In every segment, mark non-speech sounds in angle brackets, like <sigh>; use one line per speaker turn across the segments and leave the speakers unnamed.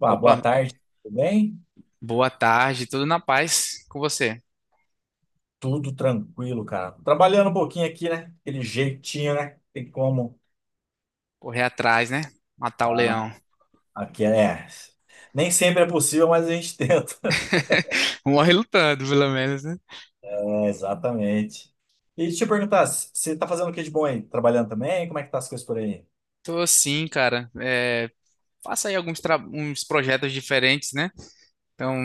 Ah, boa
Opa,
tarde, tudo bem?
boa tarde, tudo na paz com você?
Tudo tranquilo, cara. Trabalhando um pouquinho aqui, né? Aquele jeitinho, né? Tem como.
Correr atrás, né? Matar o
Tá.
leão.
Aqui é. Nem sempre é possível, mas a gente <laughs> tenta.
<laughs> Morre lutando, pelo menos, né?
É, exatamente. E deixa eu perguntar, você tá fazendo o que de bom aí? Trabalhando também? Como é que tá as coisas por aí?
Tô sim, cara. Faço aí uns projetos diferentes, né? Então,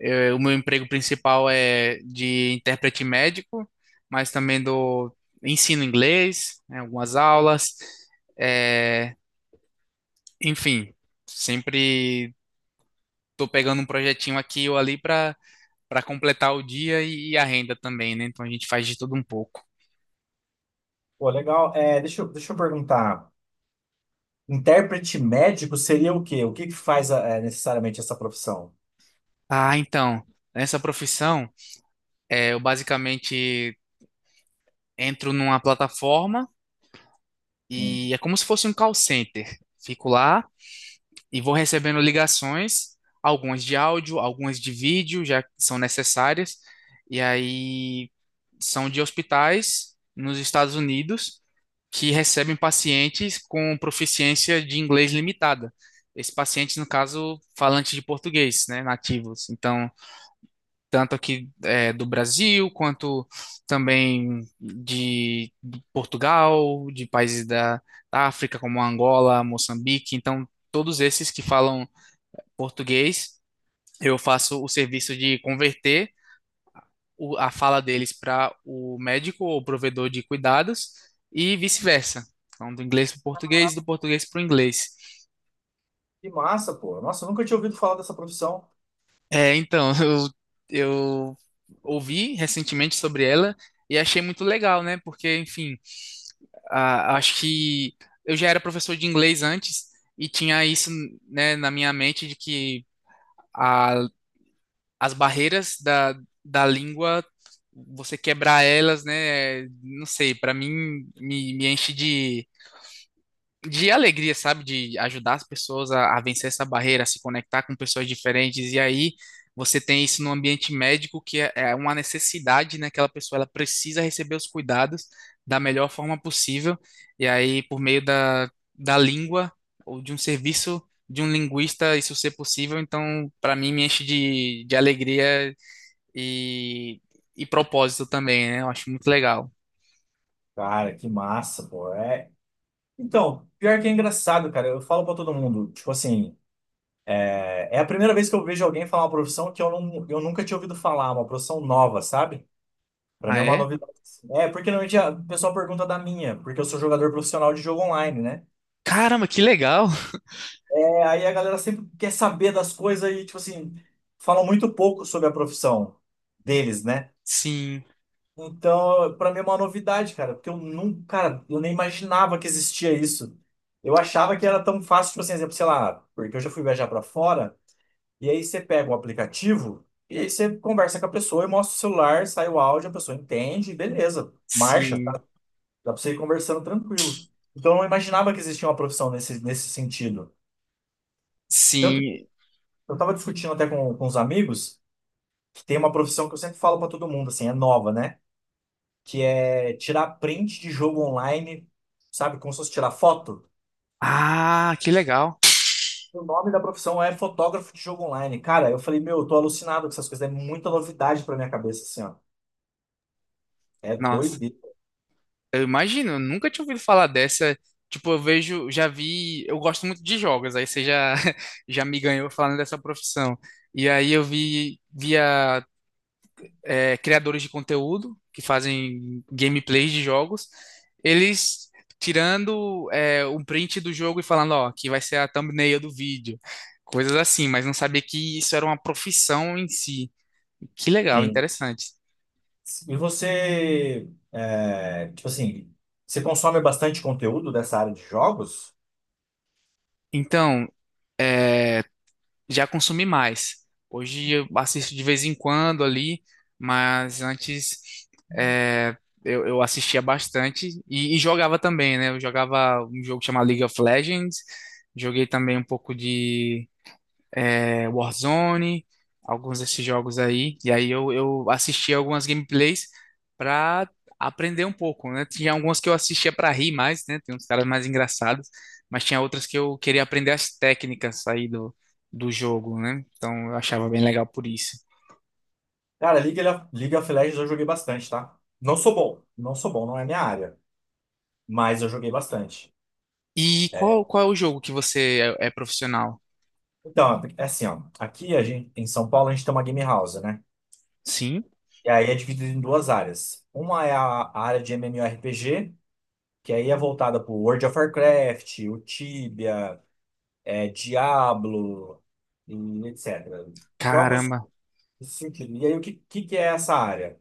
o meu emprego principal é de intérprete médico, mas também do ensino inglês, né, algumas aulas. É, enfim, sempre tô pegando um projetinho aqui ou ali para completar o dia e a renda também, né? Então a gente faz de tudo um pouco.
Pô, legal. É, deixa eu perguntar. Intérprete médico seria o quê? O que que faz necessariamente essa profissão?
Ah, então, nessa profissão, eu basicamente entro numa plataforma
Hum.
e é como se fosse um call center. Fico lá e vou recebendo ligações, algumas de áudio, algumas de vídeo, já que são necessárias, e aí são de hospitais nos Estados Unidos que recebem pacientes com proficiência de inglês limitada. Esses pacientes, no caso, falantes de português, né, nativos. Então, tanto aqui do Brasil, quanto também de Portugal, de países da, da África, como Angola, Moçambique. Então, todos esses que falam português, eu faço o serviço de converter a fala deles para o médico ou provedor de cuidados e vice-versa. Então, do inglês para o português, do português para o inglês.
Que massa, pô. Nossa, eu nunca tinha ouvido falar dessa profissão.
É, então, <laughs> eu ouvi recentemente sobre ela e achei muito legal, né? Porque, enfim, acho que eu já era professor de inglês antes e tinha isso, né, na minha mente de que a as barreiras da, da língua, você quebrar elas, né? Não sei, para mim me enche de alegria, sabe? De ajudar as pessoas a vencer essa barreira, a se conectar com pessoas diferentes. E aí você tem isso no ambiente médico, que é uma necessidade, né? Aquela pessoa ela precisa receber os cuidados da melhor forma possível. E aí, por meio da, da língua ou de um serviço de um linguista, isso ser possível, então, para mim, me enche de alegria e, e propósito também, né? Eu acho muito legal.
Cara, que massa, pô. É. Então, pior que é engraçado, cara. Eu falo pra todo mundo, tipo assim, é a primeira vez que eu vejo alguém falar uma profissão que eu, não, eu nunca tinha ouvido falar, uma profissão nova, sabe? Pra mim
Ah,
é uma
é?
novidade, assim. É, porque normalmente o pessoal pergunta da minha, porque eu sou jogador profissional de jogo online, né?
Caramba, que legal!
É, aí a galera sempre quer saber das coisas e, tipo assim, falam muito pouco sobre a profissão deles, né?
Sim,
Então, pra mim é uma novidade, cara, porque eu nunca, cara, eu nem imaginava que existia isso. Eu achava que era tão fácil, tipo assim, exemplo, sei lá, porque eu já fui viajar pra fora. E aí você pega o aplicativo e aí você conversa com a pessoa e mostra o celular, sai o áudio, a pessoa entende, beleza, marcha, tá?
sim,
Dá pra você ir conversando tranquilo. Então eu não imaginava que existia uma profissão nesse sentido. Tanto que
sim.
eu tava discutindo até com os amigos que tem uma profissão que eu sempre falo pra todo mundo, assim, é nova, né? Que é tirar print de jogo online, sabe? Como se fosse tirar foto.
Ah, que legal!
O nome da profissão é fotógrafo de jogo online. Cara, eu falei, meu, eu tô alucinado com essas coisas, é muita novidade pra minha cabeça, assim, ó. É
Nossa,
doideira.
eu imagino, eu nunca tinha ouvido falar dessa. Tipo, eu vejo, já vi, eu gosto muito de jogos, aí você já, <laughs> já me ganhou falando dessa profissão. E aí eu vi, via criadores de conteúdo que fazem gameplays de jogos, eles tirando um print do jogo e falando, ó, aqui vai ser a thumbnail do vídeo, coisas assim, mas não sabia que isso era uma profissão em si. Que legal, interessante.
E você, tipo assim, você consome bastante conteúdo dessa área de jogos?
Então, é, já consumi mais. Hoje eu assisto de vez em quando ali, mas antes é, eu assistia bastante e jogava também, né? Eu jogava um jogo chamado League of Legends, joguei também um pouco de Warzone, alguns desses jogos aí. E aí eu assisti algumas gameplays pra aprender um pouco, né? Tinha algumas que eu assistia pra rir mais, né? Tem uns caras mais engraçados, mas tinha outras que eu queria aprender as técnicas aí do, do jogo, né? Então eu achava bem legal por isso.
Cara, League of Legends eu joguei bastante, tá? Não sou bom, não sou bom, não é minha área, mas eu joguei bastante.
E qual, qual é o jogo que você é profissional?
Então, é assim, ó, aqui a gente, em São Paulo a gente tem uma game house, né?
Sim?
E aí é dividido em duas áreas. Uma é a área de MMORPG, que aí é voltada pro World of Warcraft, o Tibia, Diablo, e etc. Jogos.
Caramba,
Sim. E aí, o que que é essa área?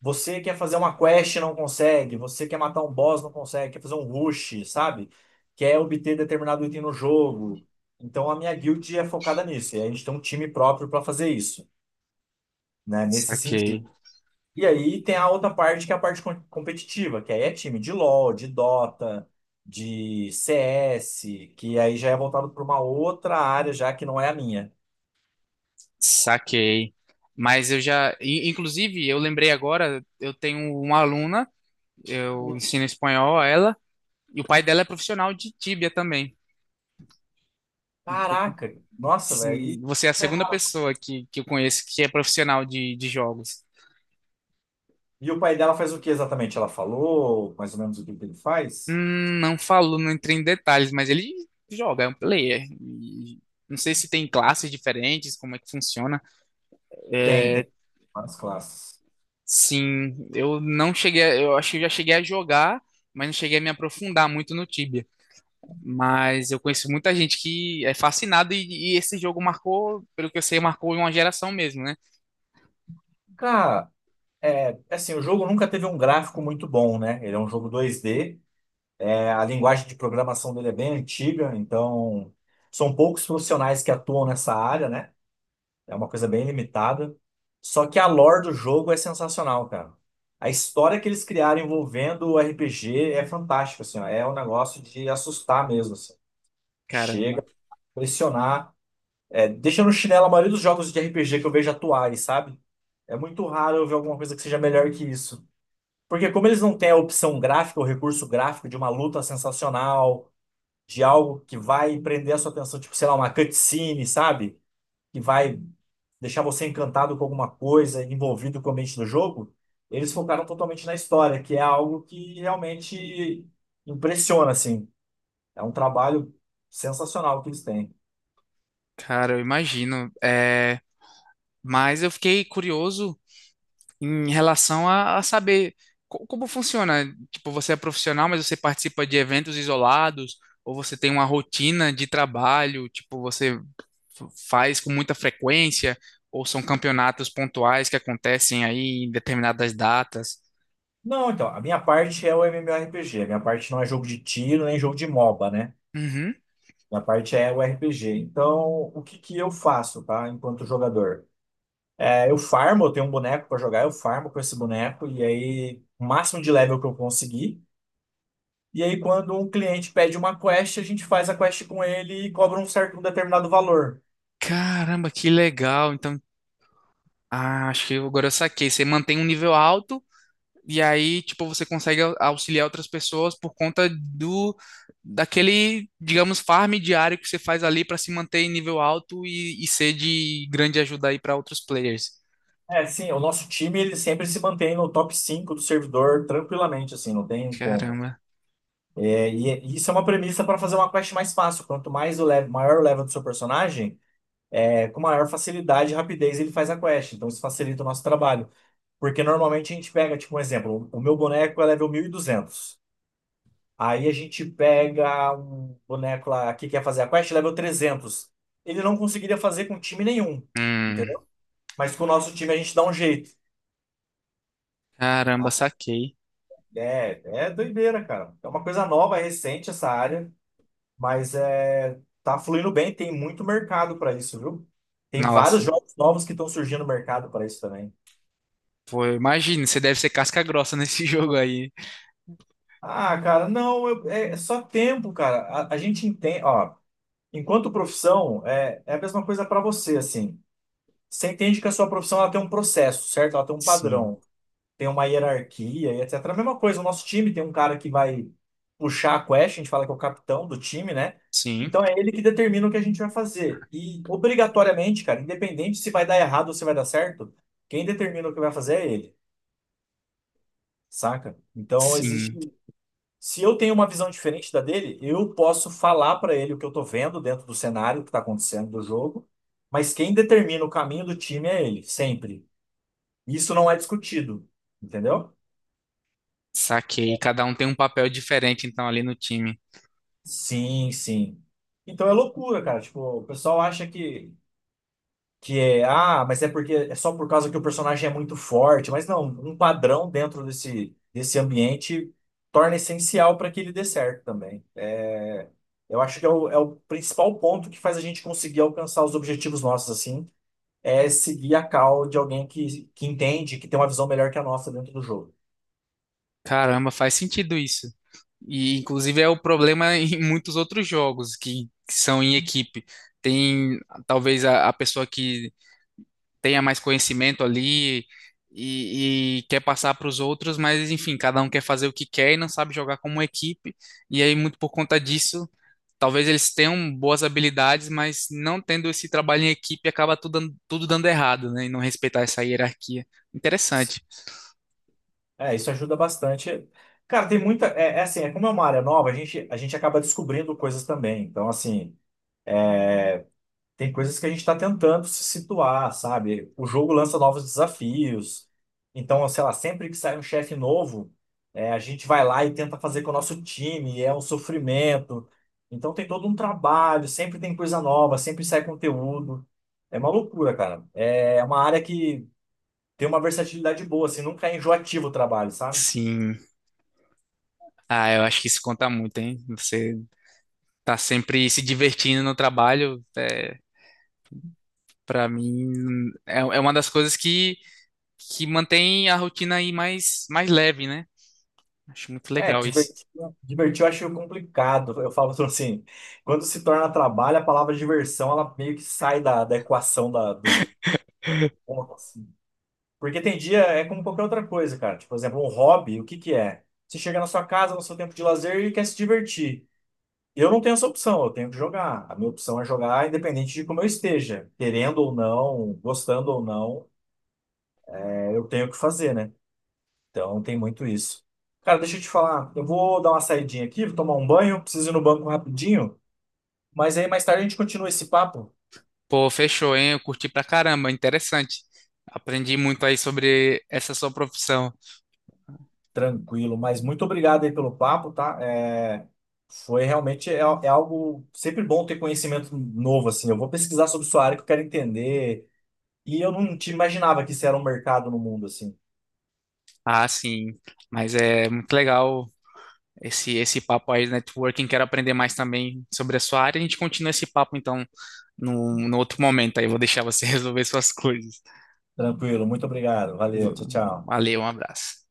Você quer fazer uma quest e não consegue, você quer matar um boss, não consegue, quer fazer um rush, sabe? Quer obter determinado item no jogo. Então a minha guild é focada nisso, e a gente tem um time próprio para fazer isso, né? Nesse
saquei,
sentido. E aí tem a outra parte que é a parte competitiva, que aí é time de LoL, de Dota, de CS, que aí já é voltado para uma outra área já que não é a minha.
saquei. Mas eu já, inclusive, eu lembrei agora, eu tenho uma aluna. Eu ensino espanhol a ela. E o pai dela é profissional de tíbia também.
Caraca, nossa, velho.
Assim,
e
você é a segunda pessoa que eu conheço que é profissional de jogos.
E o pai dela faz o que exatamente? Ela falou mais ou menos o que que ele faz?
Não falo, não entrei em detalhes, mas ele joga, é um player. E não sei se tem classes diferentes, como é que funciona.
Tem,
É,
tem várias classes.
sim, eu não cheguei, eu acho que eu já cheguei a jogar, mas não cheguei a me aprofundar muito no Tibia. Mas eu conheço muita gente que é fascinada e esse jogo marcou, pelo que eu sei, marcou uma geração mesmo, né?
Cara, é assim, o jogo nunca teve um gráfico muito bom, né? Ele é um jogo 2D, a linguagem de programação dele é bem antiga, então são poucos profissionais que atuam nessa área, né? É uma coisa bem limitada. Só que a lore do jogo é sensacional, cara. A história que eles criaram envolvendo o RPG é fantástica, assim, ó. É um negócio de assustar mesmo, assim. Chega
Caramba,
a impressionar. É, deixa no chinelo a maioria dos jogos de RPG que eu vejo atuais, sabe? É muito raro eu ver alguma coisa que seja melhor que isso. Porque como eles não têm a opção gráfica, o recurso gráfico de uma luta sensacional, de algo que vai prender a sua atenção, tipo, sei lá, uma cutscene, sabe? Que vai deixar você encantado com alguma coisa, envolvido com o ambiente do jogo, eles focaram totalmente na história, que é algo que realmente impressiona, assim. É um trabalho sensacional que eles têm.
cara, eu imagino. É, mas eu fiquei curioso em relação a saber como funciona. Tipo, você é profissional, mas você participa de eventos isolados, ou você tem uma rotina de trabalho, tipo, você faz com muita frequência, ou são campeonatos pontuais que acontecem aí em determinadas datas.
Não, então, a minha parte é o MMORPG. A minha parte não é jogo de tiro nem jogo de MOBA, né?
Uhum.
Minha parte é o RPG. Então, o que que eu faço, tá? Enquanto jogador? É, eu farmo, eu tenho um boneco pra jogar, eu farmo com esse boneco e aí o máximo de level que eu conseguir. E aí, quando um cliente pede uma quest, a gente faz a quest com ele e cobra um certo, um determinado valor.
Caramba, que legal. Então, ah, acho que agora eu saquei. Você mantém um nível alto. E aí, tipo, você consegue auxiliar outras pessoas por conta do digamos, farm diário que você faz ali para se manter em nível alto e ser de grande ajuda aí para outros players.
É, sim, o nosso time ele sempre se mantém no top 5 do servidor tranquilamente, assim, não tem como.
Caramba.
E isso é uma premissa para fazer uma quest mais fácil. Quanto mais o level, maior o level do seu personagem, com maior facilidade e rapidez ele faz a quest. Então isso facilita o nosso trabalho. Porque normalmente a gente pega, tipo, um exemplo: o meu boneco é level 1200. Aí a gente pega um boneco lá que quer fazer a quest, level 300. Ele não conseguiria fazer com time nenhum,
Hum,
entendeu? Mas com o nosso time a gente dá um jeito,
caramba,
tá?
saquei.
É doideira, cara. É uma coisa nova, recente essa área. Mas é, tá fluindo bem, tem muito mercado para isso, viu? Tem vários
Nossa,
jogos novos que estão surgindo no mercado para isso também.
pô, imagina, você deve ser casca grossa nesse <laughs> jogo aí.
Ah, cara, não, é só tempo, cara. A gente entende, ó, enquanto profissão, é a mesma coisa para você, assim. Você entende que a sua profissão ela tem um processo, certo? Ela tem um
Sim,
padrão. Tem uma hierarquia e etc. A mesma coisa, o nosso time tem um cara que vai puxar a quest, a gente fala que é o capitão do time, né?
sim,
Então é ele que determina o que a gente vai fazer. E obrigatoriamente, cara, independente se vai dar errado ou se vai dar certo, quem determina o que vai fazer é ele, saca? Então
sim.
existe. Se eu tenho uma visão diferente da dele, eu posso falar pra ele o que eu tô vendo dentro do cenário que tá acontecendo do jogo, mas quem determina o caminho do time é ele, sempre. Isso não é discutido, entendeu?
Saquei. Cada um tem um papel diferente, então, ali no time.
Sim, sim. Então é loucura, cara. Tipo, o pessoal acha que é, ah, mas é porque é só por causa que o personagem é muito forte. Mas não, um padrão dentro desse ambiente torna essencial para que ele dê certo também. É, eu acho que é o principal ponto que faz a gente conseguir alcançar os objetivos nossos, assim, é seguir a call de alguém que entende, que tem uma visão melhor que a nossa dentro do jogo.
Caramba, faz sentido isso. E inclusive é o problema <laughs> em muitos outros jogos que são em equipe. Tem talvez a pessoa que tenha mais conhecimento ali e quer passar para os outros, mas enfim, cada um quer fazer o que quer e não sabe jogar como equipe. E aí, muito por conta disso, talvez eles tenham boas habilidades, mas não tendo esse trabalho em equipe acaba tudo dando errado, né? E não respeitar essa hierarquia. Interessante.
É, isso ajuda bastante. Cara, tem muita. É assim, é como é uma área nova, a gente acaba descobrindo coisas também. Então, assim, tem coisas que a gente está tentando se situar, sabe? O jogo lança novos desafios. Então, sei lá, sempre que sai um chefe novo, a gente vai lá e tenta fazer com o nosso time, e é um sofrimento. Então, tem todo um trabalho, sempre tem coisa nova, sempre sai conteúdo. É uma loucura, cara. É uma área que tem uma versatilidade boa, assim, nunca é enjoativo o trabalho, sabe?
Sim. Ah, eu acho que isso conta muito, hein? Você tá sempre se divertindo no trabalho, para mim é uma das coisas que mantém a rotina aí mais, mais leve, né? Acho muito
É,
legal isso.
divertir eu acho complicado. Eu falo <laughs> assim, quando se torna trabalho, a palavra diversão, ela meio que sai da equação da, do jogo, assim. Porque tem dia, é como qualquer outra coisa, cara. Tipo, por exemplo, um hobby, o que que é? Você chega na sua casa, no seu tempo de lazer e quer se divertir. Eu não tenho essa opção, eu tenho que jogar. A minha opção é jogar independente de como eu esteja, querendo ou não, gostando ou não, eu tenho que fazer, né? Então tem muito isso. Cara, deixa eu te falar. Eu vou dar uma saidinha aqui, vou tomar um banho, preciso ir no banco rapidinho. Mas aí mais tarde a gente continua esse papo.
Pô, fechou, hein? Eu curti pra caramba, interessante. Aprendi muito aí sobre essa sua profissão.
Tranquilo, mas muito obrigado aí pelo papo, tá? É, foi realmente é algo sempre bom ter conhecimento novo, assim. Eu vou pesquisar sobre sua área que eu quero entender. E eu não te imaginava que isso era um mercado no mundo, assim.
Ah, sim, mas é muito legal esse, esse papo aí de networking. Quero aprender mais também sobre a sua área. A gente continua esse papo, então, no outro momento aí. Eu vou deixar você <laughs> resolver suas coisas.
Tranquilo, muito obrigado. Valeu, tchau, tchau.
Valeu, um abraço.